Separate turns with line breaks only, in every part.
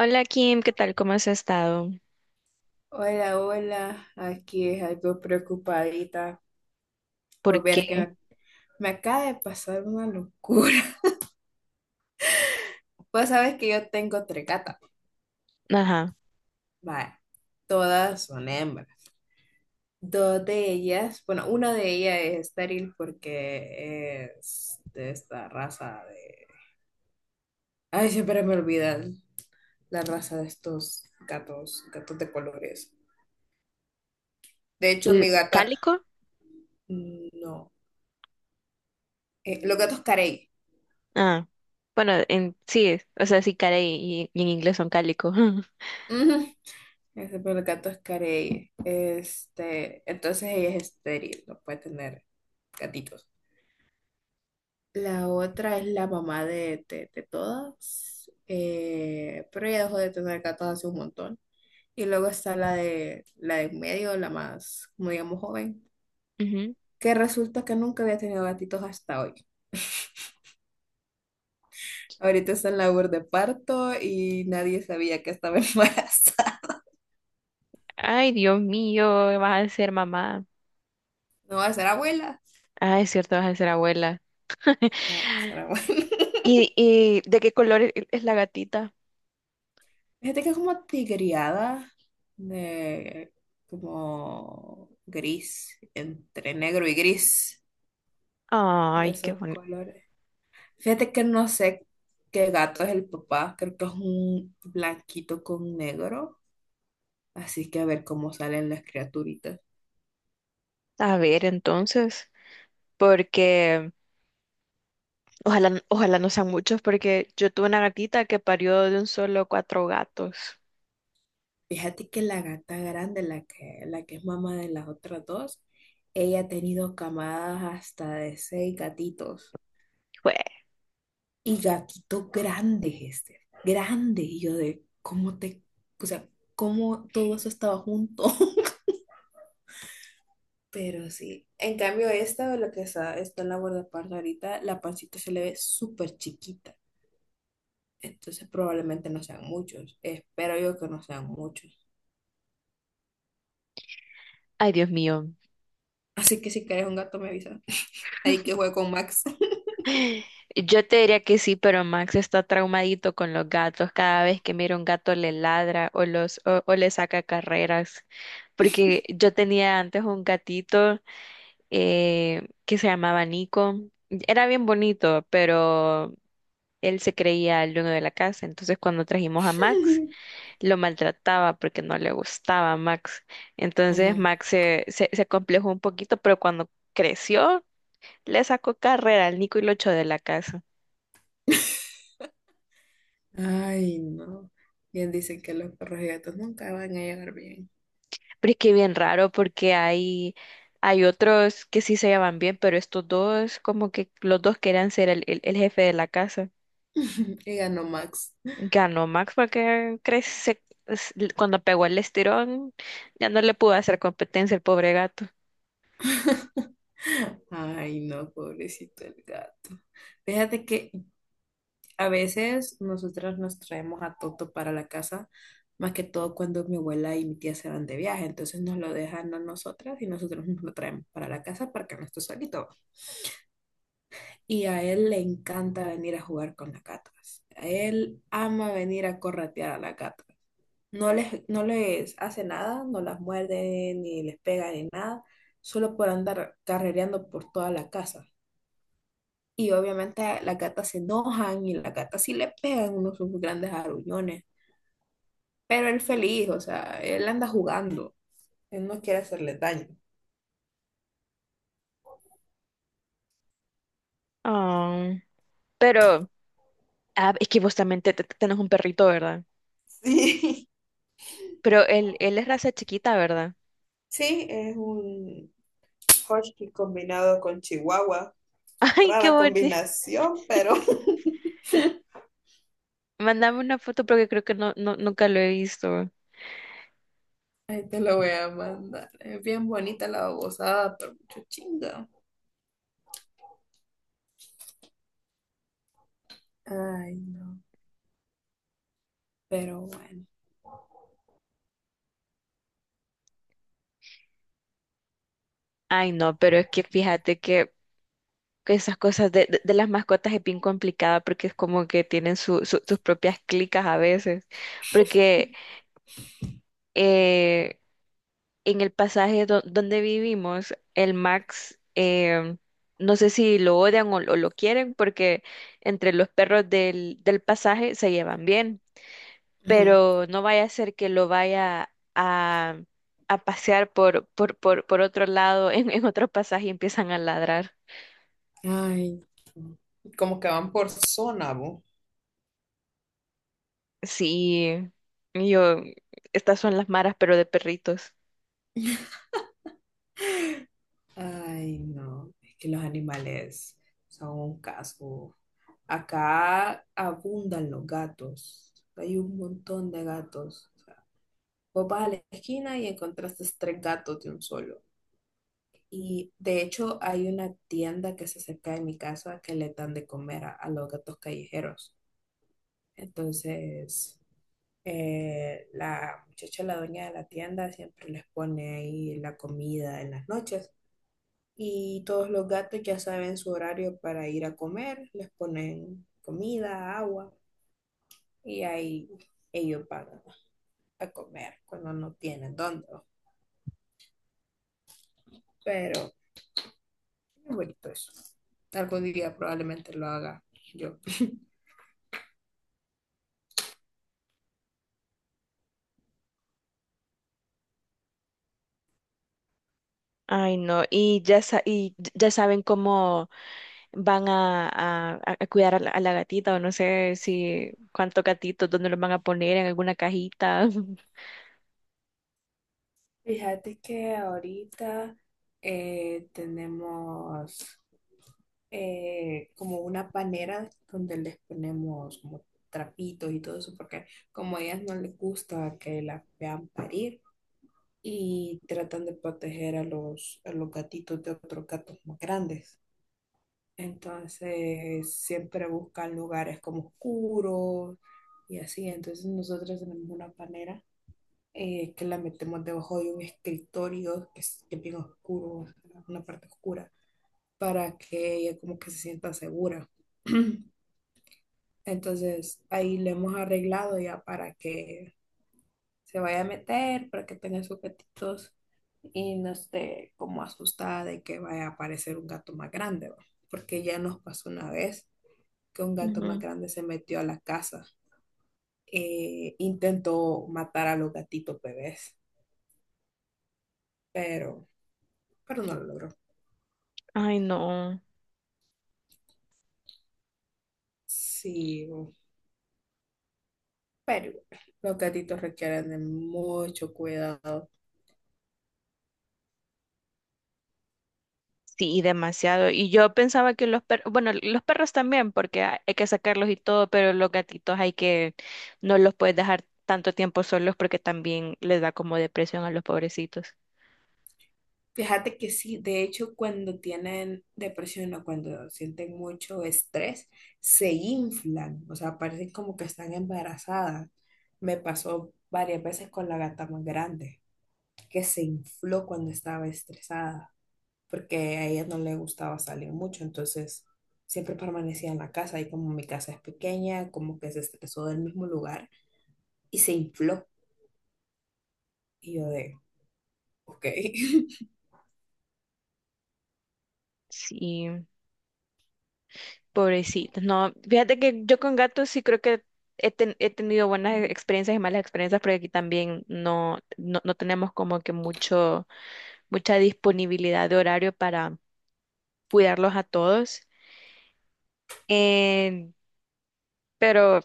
Hola Kim, ¿qué tal? ¿Cómo has estado?
Hola, hola, aquí es algo preocupadita.
¿Por
Pues vieras que
qué?
me acaba de pasar una locura. Pues sabes que yo tengo tres gatas.
Ajá.
Vale, todas son hembras. Dos de ellas, bueno, una de ellas es estéril porque es de esta raza de... Ay, siempre me olvidan la raza de estos gatos, gatos de colores. De hecho, mi
¿L-
gata,
¿Cálico?
mm, no, los gatos carey.
Ah, bueno, en, sí, o sea, sí, cara y en inglés son cálico.
Ese pero el gato es carey. Este, entonces ella es estéril, no puede tener gatitos. La otra es la mamá de todas, pero ella dejó de tener gatos hace un montón. Y luego está la de en medio, la más, como digamos, joven,
Ujú.
que resulta que nunca había tenido gatitos hasta hoy. Ahorita está en labor de parto y nadie sabía que estaba embarazada.
Ay, Dios mío, vas a ser mamá.
No, va a ser abuela.
Ay, es cierto, vas a ser abuela.
No, va a ser abuela.
¿Y, de qué color es la gatita?
Fíjate que es como tigreada, de, como gris, entre negro y gris, de
Ay, qué
esos
bonito.
colores. Fíjate que no sé qué gato es el papá, creo que es un blanquito con negro, así que a ver cómo salen las criaturitas.
A ver, entonces, porque ojalá, ojalá no sean muchos, porque yo tuve una gatita que parió de un solo cuatro gatos.
Fíjate que la gata grande, la que es mamá de las otras dos, ella ha tenido camadas hasta de 6 gatitos.
Jue-
Y gatitos grandes, este, grandes. Y yo de, ¿cómo te, o sea, cómo todo eso estaba junto? Pero sí, en cambio esta, está en la guardaparda ahorita, la pancita se le ve súper chiquita. Entonces probablemente no sean muchos. Espero yo que no sean muchos.
Ay, Dios mío.
Así que si quieres un gato me avisa. Ahí que juego con Max.
Yo te diría que sí, pero Max está traumadito con los gatos. Cada vez que mira un gato le ladra o le saca carreras. Porque yo tenía antes un gatito que se llamaba Nico. Era bien bonito, pero él se creía el dueño de la casa. Entonces cuando trajimos a Max, lo maltrataba porque no le gustaba a Max. Entonces
Ajá.
Max se complejó un poquito, pero cuando creció, le sacó carrera al Nico y lo echó de la casa.
Ay, no. Bien dicen que los perros y gatos nunca van a llegar bien.
Pero es que bien raro porque hay otros que sí se llevan bien, pero estos dos, como que los dos querían ser el jefe de la casa.
Y ganó Max.
Ganó Max porque cuando pegó el estirón, ya no le pudo hacer competencia el pobre gato.
Ay, no, pobrecito el gato. Fíjate que a veces nosotras nos traemos a Toto para la casa, más que todo cuando mi abuela y mi tía se van de viaje, entonces nos lo dejan a nosotras y nosotros nos lo traemos para la casa para que no esté solito. Y a él le encanta venir a jugar con las gatas. A él ama venir a corretear a las gatas. No les hace nada, no las muerde, ni les pega, ni nada, solo por andar carrereando por toda la casa. Y obviamente las gatas se enojan y las gatas sí le pegan unos sus grandes arullones. Pero él feliz, o sea, él anda jugando. Él no quiere hacerle daño.
Ah, pero, ah, es que vos también tenés un perrito, ¿verdad?
Sí,
Pero él es raza chiquita, ¿verdad?
sí, es un husky combinado con chihuahua.
Ay, qué
Rara
bonito.
combinación, pero
Mándame una foto porque creo que nunca lo he visto.
ahí te lo voy a mandar. Es bien bonita la babosada, pero mucho chinga. Ay, no. Pero bueno.
Ay, no, pero es que fíjate que esas cosas de, de las mascotas es bien complicada porque es como que tienen sus propias clicas a veces. Porque eh, en el pasaje donde vivimos, el Max, no sé si lo odian o, lo quieren porque entre los perros del pasaje se llevan bien, pero no vaya a ser que lo vaya a pasear por otro lado, en otro pasaje y empiezan a ladrar.
Ay. Como que van por zona, vos.
Sí, y yo, estas son las maras, pero de perritos.
Ay, no, es que los animales son un caso. Acá abundan los gatos. Hay un montón de gatos. O sea, vos vas a la esquina y encontraste tres gatos de un solo. Y de hecho hay una tienda que se acerca de mi casa que le dan de comer a los gatos callejeros. Entonces, la muchacha, la dueña de la tienda, siempre les pone ahí la comida en las noches. Y todos los gatos ya saben su horario para ir a comer, les ponen comida, agua, y ahí ellos van a comer cuando no tienen dónde, ¿no? Pero es bonito eso. Algún día probablemente lo haga yo.
Ay, no, y ya, sa- y ya saben cómo van a, a cuidar a la gatita, o no sé si cuántos gatitos, dónde los van a poner, en alguna cajita.
Fíjate que ahorita, tenemos, como una panera donde les ponemos como trapitos y todo eso, porque como a ellas no les gusta que las vean parir. Y tratan de proteger a los gatitos de otros gatos más grandes. Entonces siempre buscan lugares como oscuros y así. Entonces nosotros tenemos una panera, que la metemos debajo de un escritorio que es bien oscuro, una parte oscura, para que ella como que se sienta segura. Entonces ahí le hemos arreglado ya para que se vaya a meter, para que tenga sus gatitos y no esté como asustada de que vaya a aparecer un gato más grande, ¿va? Porque ya nos pasó una vez que un gato más
Ujú.
grande se metió a la casa, intentó matar a los gatitos bebés, pero, pero no lo logró.
Ay, no.
Sí, pero los gatitos requieren de mucho cuidado.
Sí, demasiado. Y yo pensaba que los perros, bueno, los perros también, porque hay que sacarlos y todo, pero los gatitos hay que, no los puedes dejar tanto tiempo solos porque también les da como depresión a los pobrecitos.
Fíjate que sí, de hecho, cuando tienen depresión o cuando sienten mucho estrés, se inflan, o sea, parecen como que están embarazadas. Me pasó varias veces con la gata más grande, que se infló cuando estaba estresada, porque a ella no le gustaba salir mucho, entonces siempre permanecía en la casa y como mi casa es pequeña, como que se estresó del mismo lugar y se infló. Y yo de, ok.
Sí. Pobrecitos, no. Fíjate que yo con gatos sí creo que he tenido buenas experiencias y malas experiencias, porque aquí también no tenemos como que mucho, mucha disponibilidad de horario para cuidarlos a todos. Eh, pero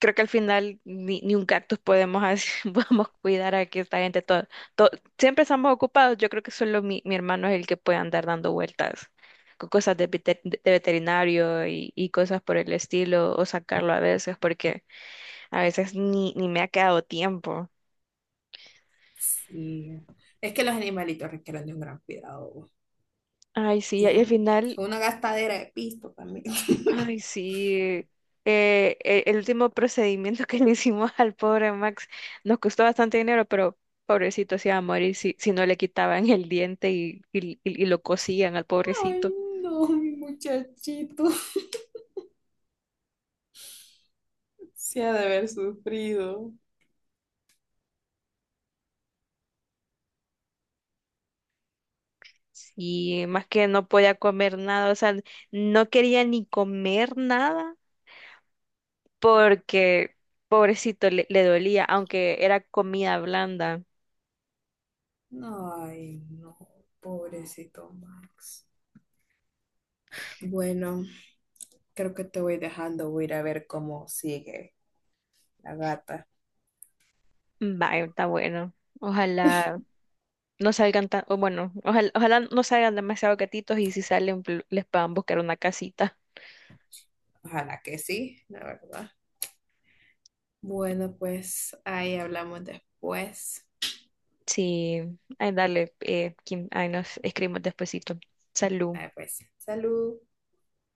creo que al final ni un cactus podemos, podemos cuidar a que esta gente todo, todo- siempre estamos ocupados. Yo creo que solo mi hermano es el que puede andar dando vueltas con cosas de, de veterinario y cosas por el estilo, o sacarlo a veces, porque a veces ni me ha quedado tiempo.
Sí, es que los animalitos requieren de un gran cuidado.
Ay, sí, y
Y
al
es
final,
una gastadera de pisto también.
ay, sí. E- el último procedimiento que le hicimos al pobre Max nos costó bastante dinero, pero pobrecito se iba a morir si, si no le quitaban el diente y y- lo cosían al
Ay,
pobrecito.
no, mi muchachito. Se ha de haber sufrido.
Sí, más que no podía comer nada, o sea, no quería ni comer nada porque pobrecito le dolía, aunque era comida blanda.
Ay, no, pobrecito Max. Bueno, creo que te voy dejando. Voy a ir a ver cómo sigue la gata.
Vaya, está bueno. Ojalá no salgan tan, o bueno, ojalá, ojalá no salgan demasiado gatitos y si salen les puedan buscar una casita.
Ojalá que sí, la verdad. Bueno, pues ahí hablamos después.
Sí, ay, dale, Kim, ay, nos escribimos despuesito. Salud.
Ah, pues, salud.